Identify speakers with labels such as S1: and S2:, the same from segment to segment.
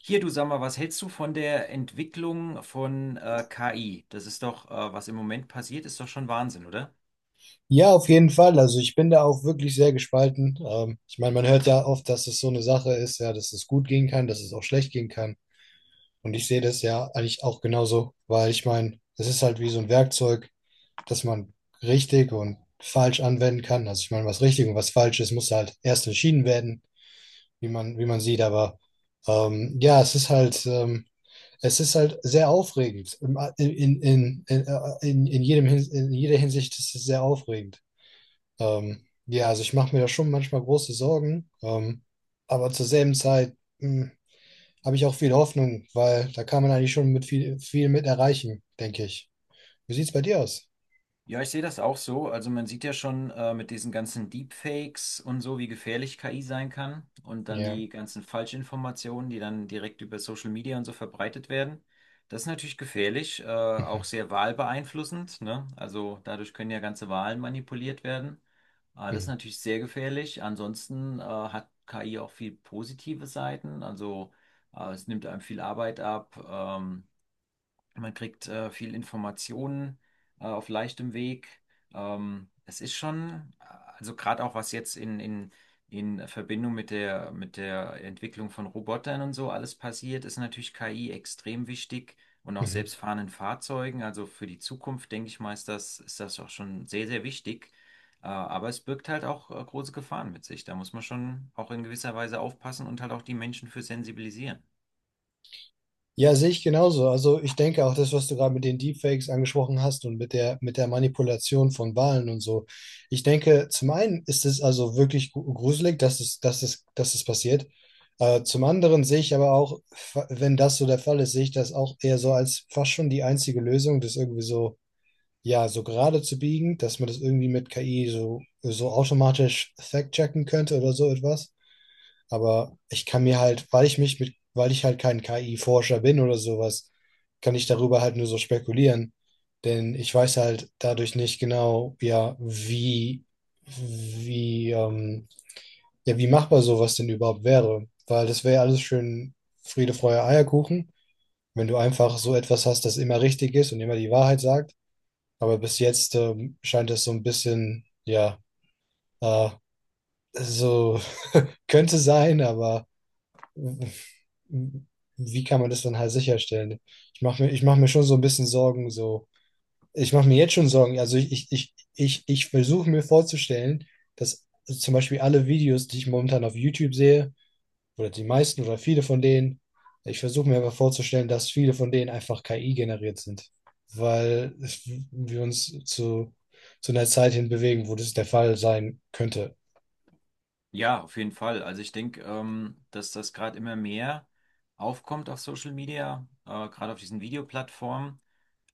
S1: Hier, du sag mal, was hältst du von der Entwicklung von KI? Das ist doch, was im Moment passiert, ist doch schon Wahnsinn, oder?
S2: Ja, auf jeden Fall. Also ich bin da auch wirklich sehr gespalten. Ich meine, man hört ja oft, dass es so eine Sache ist, ja, dass es gut gehen kann, dass es auch schlecht gehen kann. Und ich sehe das ja eigentlich auch genauso, weil ich meine, es ist halt wie so ein Werkzeug, das man richtig und falsch anwenden kann. Also ich meine, was richtig und was falsch ist, muss halt erst entschieden werden, wie man sieht. Aber ja, es ist halt, es ist halt sehr aufregend. Im- in jedem, Hin- in jeder Hinsicht ist es sehr aufregend. Ja, also ich mache mir da schon manchmal große Sorgen, aber zur selben Zeit mh, habe ich auch viel Hoffnung, weil da kann man eigentlich schon mit viel mit erreichen, denke ich. Wie sieht es bei dir aus?
S1: Ja, ich sehe das auch so. Also man sieht ja schon mit diesen ganzen Deepfakes und so, wie gefährlich KI sein kann, und dann
S2: Ja.
S1: die ganzen Falschinformationen, die dann direkt über Social Media und so verbreitet werden. Das ist natürlich gefährlich, auch
S2: Mhm.
S1: sehr wahlbeeinflussend, ne? Also dadurch können ja ganze Wahlen manipuliert werden. Das ist
S2: Mhm.
S1: natürlich sehr gefährlich. Ansonsten hat KI auch viel positive Seiten. Also es nimmt einem viel Arbeit ab. Man kriegt viel Informationen auf leichtem Weg. Es ist schon, also gerade auch was jetzt in Verbindung mit der Entwicklung von Robotern und so alles passiert, ist natürlich KI extrem wichtig, und auch
S2: Mhm.
S1: selbstfahrenden Fahrzeugen. Also für die Zukunft, denke ich mal, ist das auch schon sehr, sehr wichtig. Aber es birgt halt auch große Gefahren mit sich. Da muss man schon auch in gewisser Weise aufpassen und halt auch die Menschen für sensibilisieren.
S2: Ja, sehe ich genauso. Also ich denke auch das, was du gerade mit den Deepfakes angesprochen hast und mit der Manipulation von Wahlen und so. Ich denke, zum einen ist es also wirklich gruselig, dass es passiert. Zum anderen sehe ich aber auch, wenn das so der Fall ist, sehe ich das auch eher so als fast schon die einzige Lösung, das irgendwie so, ja, so gerade zu biegen, dass man das irgendwie mit KI so, so automatisch fact-checken könnte oder so etwas. Aber ich kann mir halt, weil ich mich mit, weil ich halt kein KI-Forscher bin oder sowas, kann ich darüber halt nur so spekulieren. Denn ich weiß halt dadurch nicht genau, ja, wie, ja, wie machbar sowas denn überhaupt wäre. Weil das wäre alles schön Friede, Freude, Eierkuchen, wenn du einfach so etwas hast, das immer richtig ist und immer die Wahrheit sagt. Aber bis jetzt, scheint das so ein bisschen, ja, äh, so könnte sein, aber wie kann man das dann halt sicherstellen? Ich mach mir schon so ein bisschen Sorgen, so. Ich mache mir jetzt schon Sorgen. Also ich versuche mir vorzustellen, dass zum Beispiel alle Videos, die ich momentan auf YouTube sehe, oder die meisten oder viele von denen, ich versuche mir einfach vorzustellen, dass viele von denen einfach KI generiert sind. Weil wir uns zu einer Zeit hin bewegen, wo das der Fall sein könnte.
S1: Ja, auf jeden Fall. Also ich denke, dass das gerade immer mehr aufkommt auf Social Media, gerade auf diesen Videoplattformen,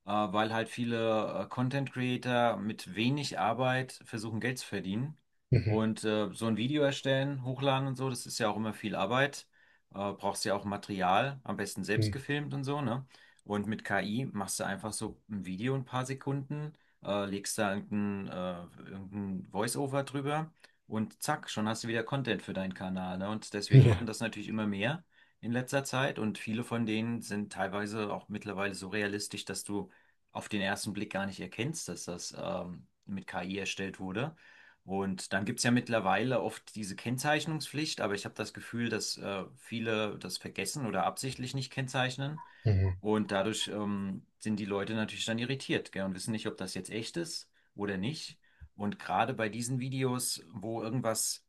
S1: weil halt viele Content Creator mit wenig Arbeit versuchen, Geld zu verdienen.
S2: Mhm.
S1: Und so ein Video erstellen, hochladen und so, das ist ja auch immer viel Arbeit. Brauchst ja auch Material, am besten selbst
S2: Mhm.
S1: gefilmt und so, ne? Und mit KI machst du einfach so ein Video in ein paar Sekunden, legst da irgendein Voice-Over drüber, und zack, schon hast du wieder Content für deinen Kanal, ne? Und deswegen machen
S2: Ja.
S1: das natürlich immer mehr in letzter Zeit, und viele von denen sind teilweise auch mittlerweile so realistisch, dass du auf den ersten Blick gar nicht erkennst, dass das mit KI erstellt wurde. Und dann gibt's ja mittlerweile oft diese Kennzeichnungspflicht, aber ich habe das Gefühl, dass viele das vergessen oder absichtlich nicht kennzeichnen.
S2: Mhm.
S1: Und dadurch sind die Leute natürlich dann irritiert, gell, und wissen nicht, ob das jetzt echt ist oder nicht. Und gerade bei diesen Videos, wo irgendwas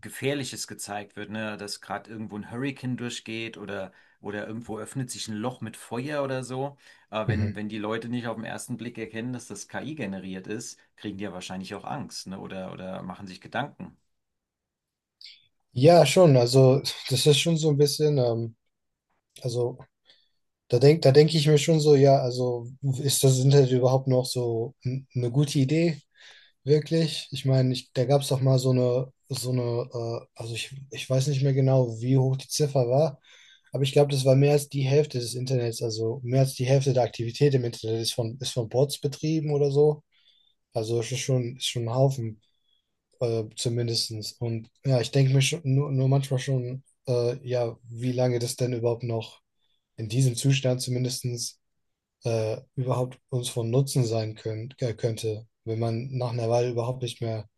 S1: Gefährliches gezeigt wird, ne? Dass gerade irgendwo ein Hurricane durchgeht, oder irgendwo öffnet sich ein Loch mit Feuer oder so. Aber wenn,
S2: Mhm.
S1: wenn die Leute nicht auf den ersten Blick erkennen, dass das KI generiert ist, kriegen die ja wahrscheinlich auch Angst, ne? Oder machen sich Gedanken.
S2: Ja, schon. Also das ist schon so ein bisschen. Also da denke ich mir schon so, ja, also ist das Internet überhaupt noch so eine gute Idee, wirklich? Ich meine, ich, da gab es doch mal so eine, also ich weiß nicht mehr genau, wie hoch die Ziffer war, aber ich glaube, das war mehr als die Hälfte des Internets, also mehr als die Hälfte der Aktivität im Internet ist von Bots betrieben oder so. Also es ist schon ein Haufen, zumindestens. Und ja, ich denke mir schon, nur manchmal schon, ja, wie lange das denn überhaupt noch in diesem Zustand zumindestens überhaupt uns von Nutzen sein können, könnte, wenn man nach einer Weile überhaupt nicht mehr,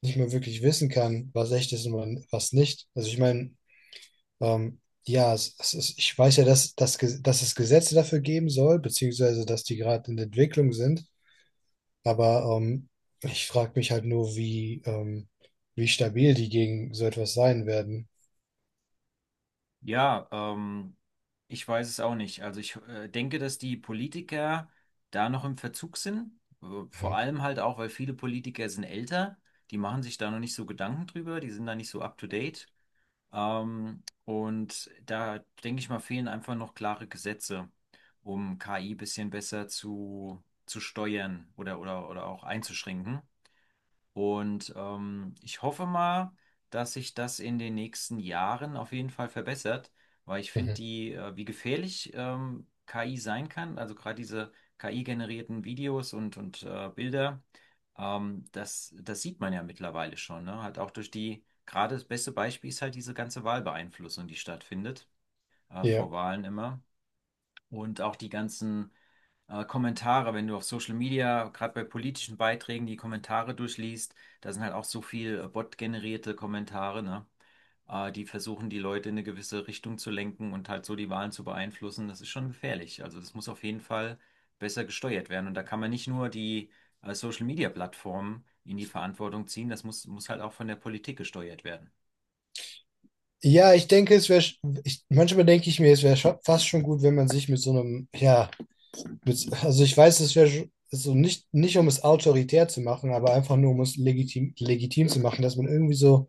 S2: nicht mehr wirklich wissen kann, was echt ist und was nicht. Also ich meine, ja, es ist, ich weiß ja, dass es Gesetze dafür geben soll, beziehungsweise dass die gerade in der Entwicklung sind, aber ich frage mich halt nur, wie stabil die gegen so etwas sein werden.
S1: Ja, ich weiß es auch nicht. Also ich denke, dass die Politiker da noch im Verzug sind. Äh, Vor
S2: Mhm.
S1: allem halt auch, weil viele Politiker sind älter. Die machen sich da noch nicht so Gedanken drüber, die sind da nicht so up to date. Und da denke ich mal, fehlen einfach noch klare Gesetze, um KI bisschen besser zu steuern, oder auch einzuschränken. Und ich hoffe mal, dass sich das in den nächsten Jahren auf jeden Fall verbessert, weil ich finde,
S2: Mhm.
S1: die, wie gefährlich KI sein kann, also gerade diese KI-generierten Videos, und Bilder, das, das sieht man ja mittlerweile schon, ne? Halt auch durch die, gerade das beste Beispiel ist halt diese ganze Wahlbeeinflussung, die stattfindet, vor
S2: Ja.
S1: Wahlen immer. Und auch die ganzen Kommentare, wenn du auf Social Media, gerade bei politischen Beiträgen, die Kommentare durchliest, da sind halt auch so viel Bot-generierte Kommentare, ne? Die versuchen, die Leute in eine gewisse Richtung zu lenken und halt so die Wahlen zu beeinflussen. Das ist schon gefährlich. Also das muss auf jeden Fall besser gesteuert werden. Und da kann man nicht nur die Social Media Plattformen in die Verantwortung ziehen, das muss, muss halt auch von der Politik gesteuert werden.
S2: Ja, ich denke, es wäre, manchmal denke ich mir, es wäre fast schon gut, wenn man sich mit so einem, ja, mit, also ich weiß, es wäre so nicht um es autoritär zu machen, aber einfach nur um es legitim zu machen, dass man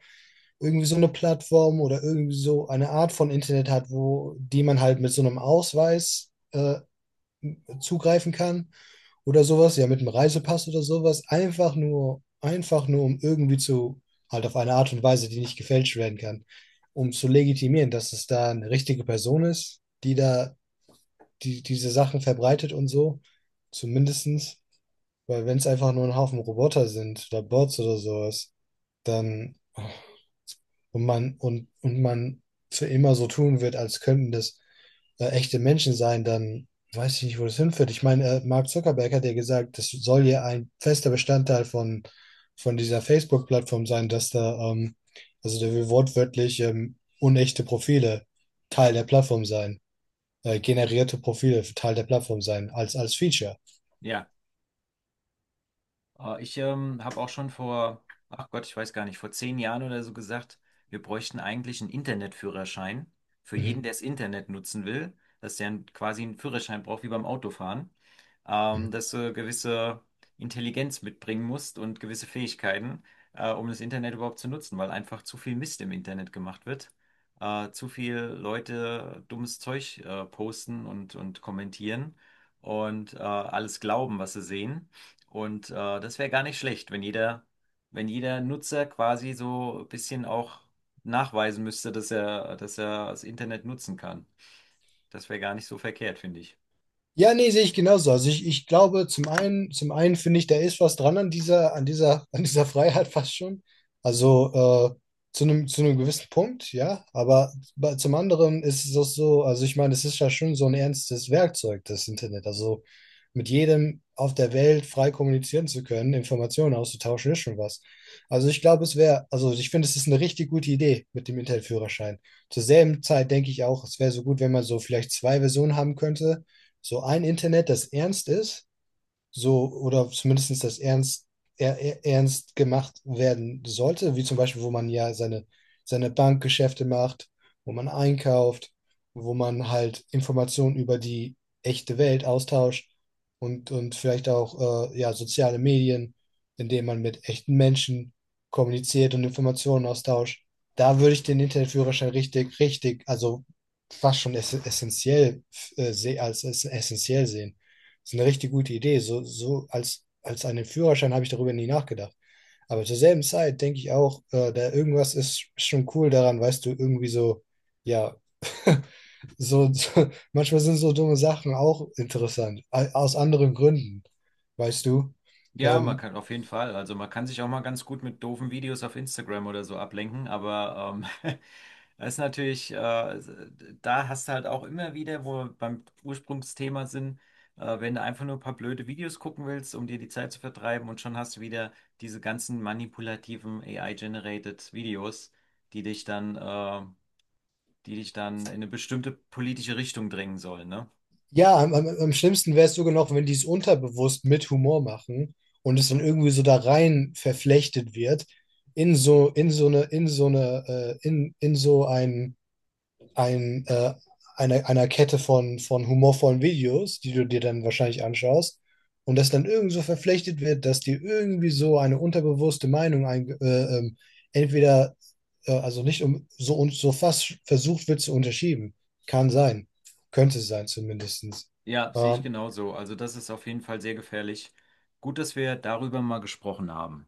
S2: irgendwie so eine Plattform oder irgendwie so eine Art von Internet hat, wo, die man halt mit so einem Ausweis, zugreifen kann oder sowas, ja, mit einem Reisepass oder sowas, einfach nur, um irgendwie zu, halt auf eine Art und Weise, die nicht gefälscht werden kann, um zu legitimieren, dass es da eine richtige Person ist, die da die, diese Sachen verbreitet und so, zumindestens, weil wenn es einfach nur ein Haufen Roboter sind oder Bots oder sowas, dann und man für immer so tun wird, als könnten das echte Menschen sein, dann weiß ich nicht, wo das hinführt. Ich meine, Mark Zuckerberg hat ja gesagt, das soll ja ein fester Bestandteil von dieser Facebook-Plattform sein, dass da, also der will wortwörtlich unechte Profile Teil der Plattform sein, generierte Profile Teil der Plattform sein, als, als Feature.
S1: Ja. Ich habe auch schon vor, ach Gott, ich weiß gar nicht, vor 10 Jahren oder so gesagt, wir bräuchten eigentlich einen Internetführerschein für jeden,
S2: Mhm.
S1: der das Internet nutzen will, dass der quasi einen Führerschein braucht wie beim Autofahren,
S2: Mhm.
S1: dass du gewisse Intelligenz mitbringen musst und gewisse Fähigkeiten, um das Internet überhaupt zu nutzen, weil einfach zu viel Mist im Internet gemacht wird, zu viel Leute dummes Zeug posten und kommentieren und alles glauben, was sie sehen. Und das wäre gar nicht schlecht, wenn jeder, wenn jeder Nutzer quasi so ein bisschen auch nachweisen müsste, dass er das Internet nutzen kann. Das wäre gar nicht so verkehrt, finde ich.
S2: Ja, nee, sehe ich genauso. Also ich glaube, zum einen finde ich, da ist was dran an dieser, an dieser Freiheit fast schon. Also äh, zu einem gewissen Punkt, ja. Aber zum anderen ist es auch so, also ich meine, es ist ja schon so ein ernstes Werkzeug, das Internet. Also mit jedem auf der Welt frei kommunizieren zu können, Informationen auszutauschen, ist schon was. Also ich glaube, es wäre, also ich finde, es ist eine richtig gute Idee mit dem Internetführerschein. Zur selben Zeit denke ich auch, es wäre so gut, wenn man so vielleicht zwei Versionen haben könnte so ein Internet, das ernst ist, so oder zumindest das ernst, ernst gemacht werden sollte, wie zum Beispiel, wo man ja seine, seine Bankgeschäfte macht, wo man einkauft, wo man halt Informationen über die echte Welt austauscht und vielleicht auch ja, soziale Medien, indem man mit echten Menschen kommuniziert und Informationen austauscht. Da würde ich den Internetführerschein richtig, also fast schon essentiell als essentiell sehen. Das ist eine richtig gute Idee. So, so als, als einen Führerschein habe ich darüber nie nachgedacht. Aber zur selben Zeit denke ich auch, da irgendwas ist schon cool daran, weißt du, irgendwie so, ja, so, so manchmal sind so dumme Sachen auch interessant, aus anderen Gründen, weißt du.
S1: Ja, man
S2: Ähm,
S1: kann auf jeden Fall. Also man kann sich auch mal ganz gut mit doofen Videos auf Instagram oder so ablenken, aber das ist natürlich, da hast du halt auch immer wieder, wo wir beim Ursprungsthema sind, wenn du einfach nur ein paar blöde Videos gucken willst, um dir die Zeit zu vertreiben, und schon hast du wieder diese ganzen manipulativen AI-generated Videos, die dich dann, die dich dann in eine bestimmte politische Richtung drängen sollen, ne?
S2: ja, am schlimmsten wäre es sogar noch, wenn die es unterbewusst mit Humor machen und es dann irgendwie so da rein verflechtet wird in so eine, in so ein ein, äh, einer Kette von humorvollen Videos, die du dir dann wahrscheinlich anschaust, und das dann irgend so verflechtet wird, dass dir irgendwie so eine unterbewusste Meinung entweder, also nicht um so und so fast versucht wird zu unterschieben. Kann sein. Könnte sein zumindest.
S1: Ja, sehe ich genauso. Also das ist auf jeden Fall sehr gefährlich. Gut, dass wir darüber mal gesprochen haben.